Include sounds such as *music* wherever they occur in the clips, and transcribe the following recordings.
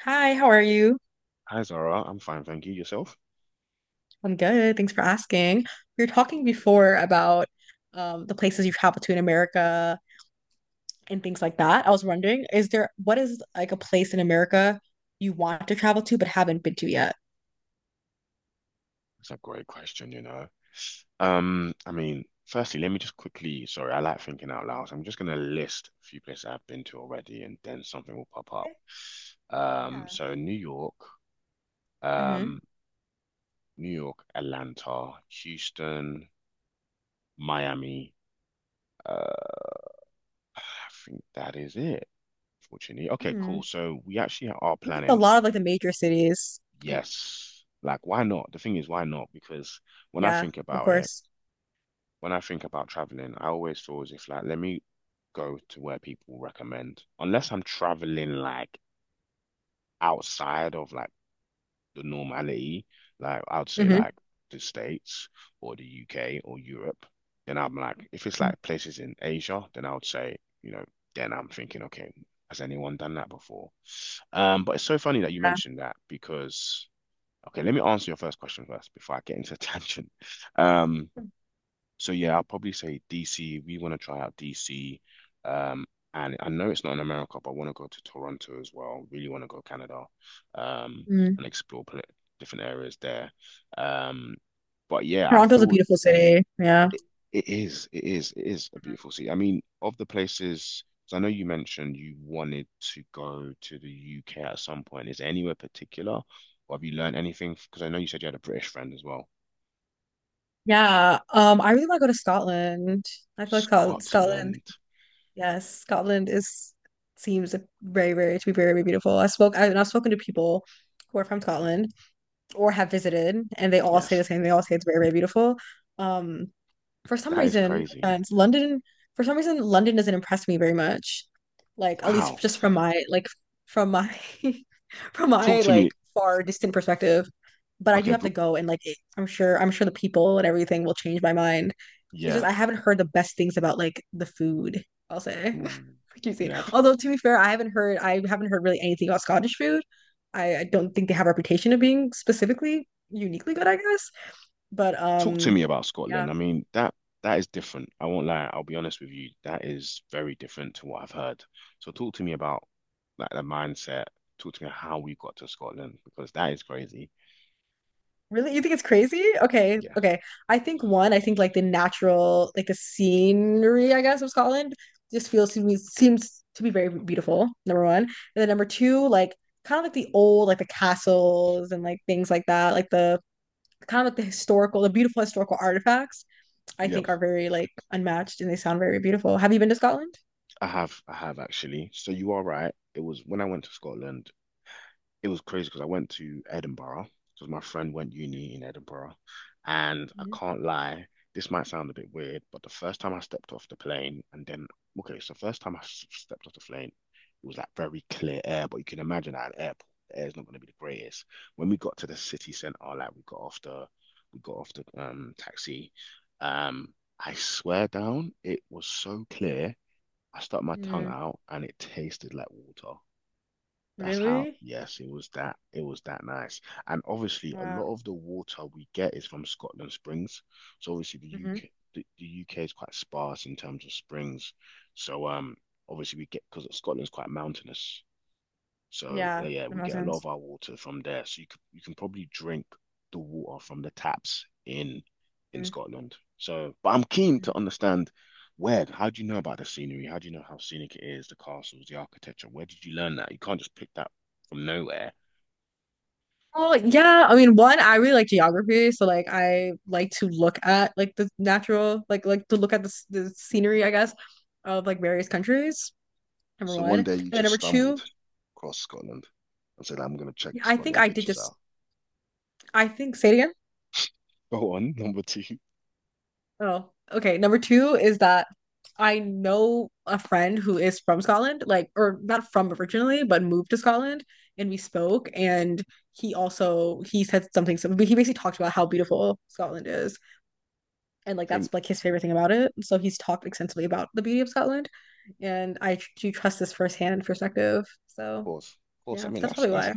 Hi, how are you? Hi Zara, I'm fine, thank you. Yourself? I'm good. Thanks for asking. We were talking before about the places you've traveled to in America and things like that. I was wondering, is there what is like a place in America you want to travel to but haven't been to yet? That's a great question, you know. I mean, firstly, let me just quickly, sorry, I like thinking out loud. I'm just gonna list a few places I've been to already and then something will pop up. Okay. Um, Yeah. so New York, Mm-hmm. um, New York, Atlanta, Houston, Miami. Uh, I think that is it, fortunately. Okay, Mm-hmm. cool. So we actually are We get a planning, lot of like the major cities. I- yes. Like, why not? The thing is, why not? Because when I Yeah, think of about it, course. when I think about traveling, I always feel as if like let me go to where people recommend. Unless I'm traveling like outside of like the normality, like I'd say Mm-hmm. like the States or the UK or Europe, then I'm like if it's like places in Asia, then I would say, you know, then I'm thinking, okay, has anyone done that before? But it's so funny that you Yeah. mentioned that because okay, let me answer your first question first before I get into a *laughs* tangent. Um so yeah, I'll probably say DC. We want to try out DC. Um, and I know it's not in America, but I want to go to Toronto as well. Really want to go Canada, um, Mm. and explore pl different areas there. Um, but yeah, I Toronto's a feel beautiful city. Yeah. it, it is a beautiful city. I mean, of the places, 'cause I know you mentioned you wanted to go to the UK at some point. Is there anywhere particular, or have you learned anything? Because I know you said you had a British friend as well. Yeah. I really want to go to Scotland. I feel like Scotland. Scotland. Yes, Scotland is seems very, very to be very, very beautiful. And I've spoken to people who are from Scotland or have visited, and they all say Yes. the same. They all say it's very, very beautiful. Um, for some That is reason, no crazy. offense, for some reason, London doesn't impress me very much. Like at least Wow. just from my from my *laughs* from Talk my to me. like far distant perspective. But I do Okay, have to but go and like I'm sure the people and everything will change my mind. It's just yeah. I haven't heard the best things about like the food, I'll say. Ooh, *laughs* Cuisine. yeah. Although to be fair, I haven't heard really anything about Scottish food. I don't think they have a reputation of being specifically uniquely good, I guess. But Talk to me about yeah. Scotland. I mean, that is different. I won't lie. I'll be honest with you. That is very different to what I've heard. So talk to me about like the mindset. Talk to me how we got to Scotland because that is crazy. Really? You think it's crazy? Okay, Yeah. okay. I think one, I think like the natural, like the scenery, I guess, of Scotland just feels to me seems to be very beautiful, number one. And then number two, like kind of like the old, like the castles and like things like that, like the kind of like the historical, the beautiful historical artifacts, I Yeah. think are very like unmatched and they sound very beautiful. Have you been to Scotland? I have actually. So you are right. It was when I went to Scotland. It was crazy because I went to Edinburgh because my friend went uni in Edinburgh, and I Mhm. can't lie, this might sound a bit weird, but the first time I stepped off the plane, and then okay, so first time I stepped off the plane, it was like very clear air, but you can imagine at an airport, the air's not going to be the greatest. When we got to the city centre, like we got off the we got off the taxi, um, I swear down, it was so clear. I stuck my tongue Mm, out and it tasted like water. That's how, really? yes, it was that. It was that nice. And obviously, a Wow. lot of the water we get is from Scotland Springs. So obviously, the Hmm. UK, the, the UK is quite sparse in terms of springs. So obviously we get because Scotland's quite mountainous. So Yeah, yeah, the we get a lot of mountains. our water from there. So you can probably drink the water from the taps in Mm. Scotland. So, but I'm keen Mm. to understand where. How do you know about the scenery? How do you know how scenic it is, the castles, the architecture? Where did you learn that? You can't just pick that from nowhere. Oh, yeah. I mean, one, I really like geography, so like I like to look at like the natural, like to look at the the scenery, I guess, of like various countries. Number So one, one and day you then just number two, stumbled across Scotland and said, I'm going to check I think Scotland I did pictures just. out. I think say it again. Go on, *laughs* number two. I Oh, okay. Number two is that I know a friend who is from Scotland, like, or not from originally, but moved to Scotland, and we spoke. And he said something, but he basically talked about how beautiful Scotland is, and like think, that's like his favorite thing about it. So he's talked extensively about the beauty of Scotland, and I do trust this firsthand perspective. of So course, of course. I yeah, mean, that's that's probably that's why.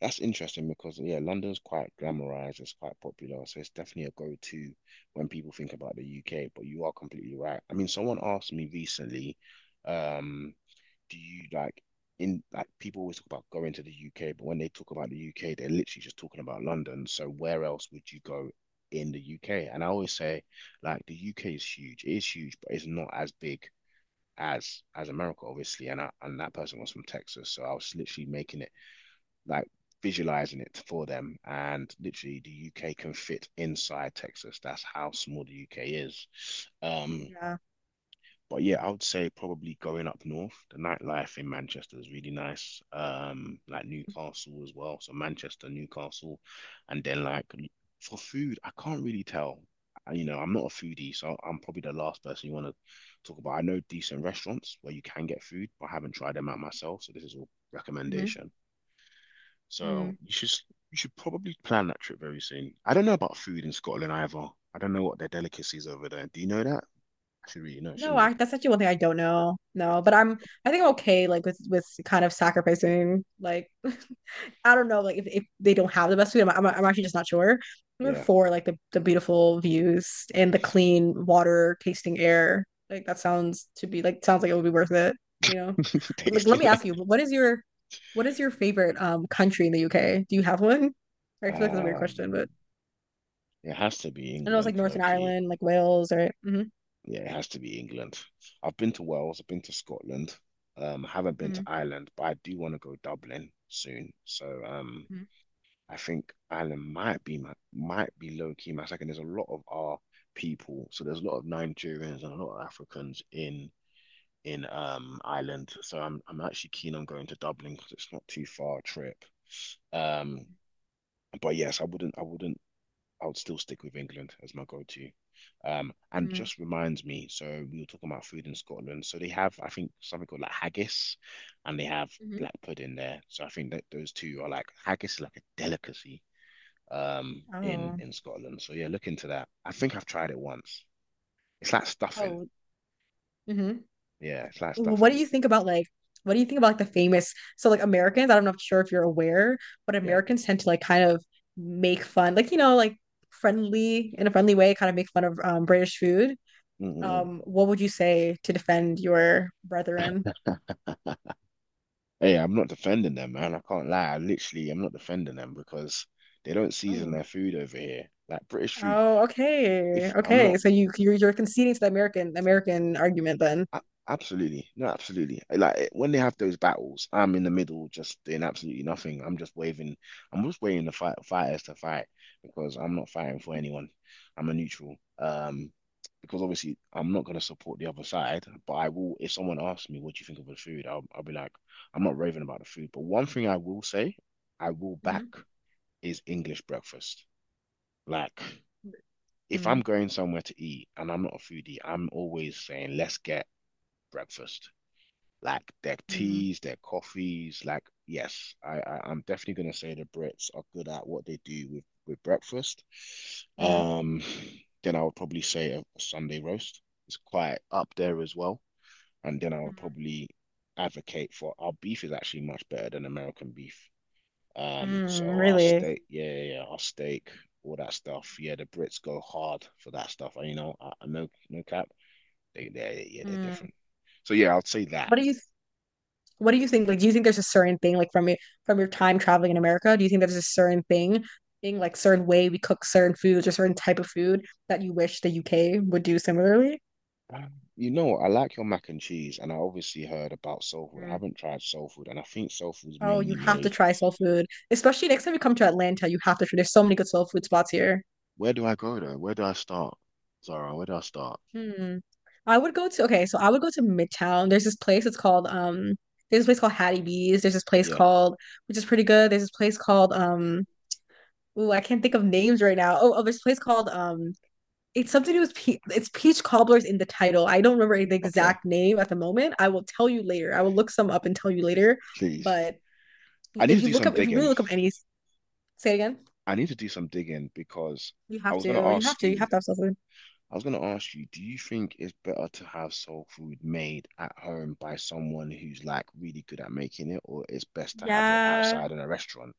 that's interesting because yeah, London's quite glamorized, it's quite popular, so it's definitely a go-to when people think about the UK, but you are completely right. I mean, someone asked me recently, um, do you like in like people always talk about going to the UK, but when they talk about the UK, they're literally just talking about London. So where else would you go in the UK? And I always say like the UK is huge. It is huge, but it's not as big as America, obviously. And that person was from Texas, so I was literally making it like visualizing it for them. And literally, the UK can fit inside Texas. That's how small the UK is. Um, Yeah. but yeah, I would say probably going up north. The nightlife in Manchester is really nice. Like Newcastle as well. So Manchester, Newcastle, and then like for food, I can't really tell. You know, I'm not a foodie, so I'm probably the last person you want to talk about. I know decent restaurants where you can get food, but I haven't tried them out myself. So this is all Hmm. recommendation. So you should probably plan that trip very soon. I don't know about food in Scotland either. I don't know what their delicacies over there. Do you know that? I should really know, No, shouldn't I? That's actually one thing I don't know. No, but I'm I think I'm okay like with kind of sacrificing like *laughs* I don't know like if they don't have the best food I'm actually just not sure. Number Yeah, four, like the beautiful views and the clean water, tasting air. Like that sounds like it would be worth it, you know. *laughs* Like let tasting me ask you, it. what is your favorite country in the UK? Do you have one? I expect that's a weird Um, question, but it has to be I know it's like England, low Northern key. Ireland, like Wales, right? Mm-hmm, Yeah, it has to be England. I've been to Wales. I've been to Scotland. I haven't been to mm-hmm, Ireland, but I do want to go Dublin soon. So I think Ireland might be my might be low key my second. There's a lot of our people, so there's a lot of Nigerians and a lot of Africans in Ireland. So I'm actually keen on going to Dublin because it's not too far a trip. Um, but yes, I wouldn't I wouldn't I would still stick with England as my go-to. And mm-hmm, just reminds me, so we were talking about food in Scotland. So they have, I think, something called like haggis, and they have mm-hmm. black pudding there. So I think that those two are like haggis is like a delicacy Oh. in Scotland. So yeah, look into that. I think I've tried it once. It's like stuffing. Oh, hmm. Yeah, it's like What do stuffing. you think about like what do you think about like the famous so like Americans, I'm not sure if you're aware, but Yeah. Americans tend to like kind of make fun, like you know, like friendly in a friendly way, kind of make fun of British food. Mm-mm-mm. What would you say to defend your brethren? Hey, I'm not defending them, man. I can't lie. I literally, I'm not defending them because they don't season Oh. their food over here. Like British food, Oh, okay. if I'm Okay. not, So you're conceding to the American argument then. a- absolutely, no, absolutely. Like when they have those battles, I'm in the middle, just doing absolutely nothing. I'm just waving. I'm just waiting the fighters to fight because I'm not fighting for anyone. I'm a neutral. Because obviously I'm not going to support the other side, but I will. If someone asks me, what do you think of the food? I'll be like, I'm not raving about the food. But one thing I will say. I will back. Mm-hmm. Is English breakfast. Like, if Mm-hmm. I'm going somewhere to eat and I'm not a foodie, I'm always saying, let's get breakfast. Like their Mm-hmm. teas, their coffees. Like, yes, I'm definitely gonna say the Brits are good at what they do with breakfast. Mm-hmm. Um, then I would probably say a Sunday roast is quite up there as well. And then I would probably advocate for our beef is actually much better than American beef. Um, Mm, so I'll really? stake, I'll stake all that stuff. Yeah, the Brits go hard for that stuff. You know, I no, no cap. Yeah, they're Mm. different. So yeah, I will say that. What do you what do you think? Like, do you think there's a certain thing, like from your time traveling in America, do you think there's a certain thing like certain way we cook certain foods or certain type of food that you wish the UK would do similarly? Um, You know, I like your mac and cheese, and I obviously heard about soul food. I Mm. haven't tried soul food, and I think soul food's Oh, you mainly have to made. try soul food, especially next time you come to Atlanta. You have to try. There's so many good soul food spots here. Where do I go though? Where do I start? Zara, where do I start? Hmm. I would go to okay, so I would go to Midtown. There's this place. It's called. There's this place called Hattie B's. There's this place Yeah, called which is pretty good. There's this place called. Ooh, I can't think of names right now. Oh, oh, there's a place called it's something to do with it's peach cobblers in the title. I don't remember the okay, exact name at the moment. I will tell you later. I will look some up and tell you later. please. But I need if to you do look some up, if you really digging. look up any, say it again. I need to do some digging because You I have was gonna to. You have ask to. You you have to have something. I was going to ask you, do you think it's better to have soul food made at home by someone who's like really good at making it, or it's best to have it Yeah. outside in a restaurant?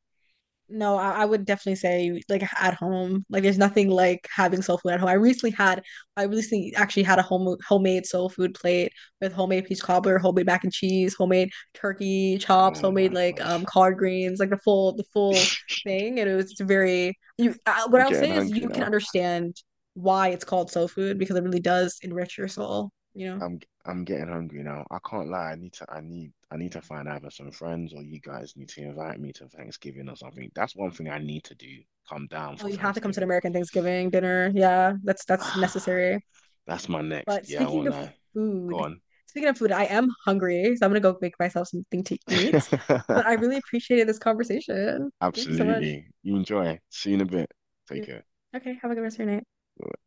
No, I would definitely say like at home. Like there's nothing like having soul food at home. I recently actually had a homemade soul food plate with homemade peach cobbler, homemade mac and cheese, homemade turkey chops, Oh homemade my like gosh. collard greens, like the full *laughs* thing. And it was very you what I'm I'll getting say is hungry you can now. understand why it's called soul food because it really does enrich your soul, you know. I'm getting hungry now. I can't lie. I need to find either some friends or you guys need to invite me to Thanksgiving or something. That's one thing I need to do. Come down Oh, for you have to come to an Thanksgiving. American Thanksgiving dinner. Yeah, that's *sighs* necessary. That's my But next. Yeah, I won't lie. food, Go speaking of food, I am hungry, so I'm gonna go make myself something to eat. on. But I *laughs* really appreciated this conversation. Thank you so much. Absolutely. You enjoy. See you in a bit. Take Yeah. care. Okay, have a good rest of your night. Bye.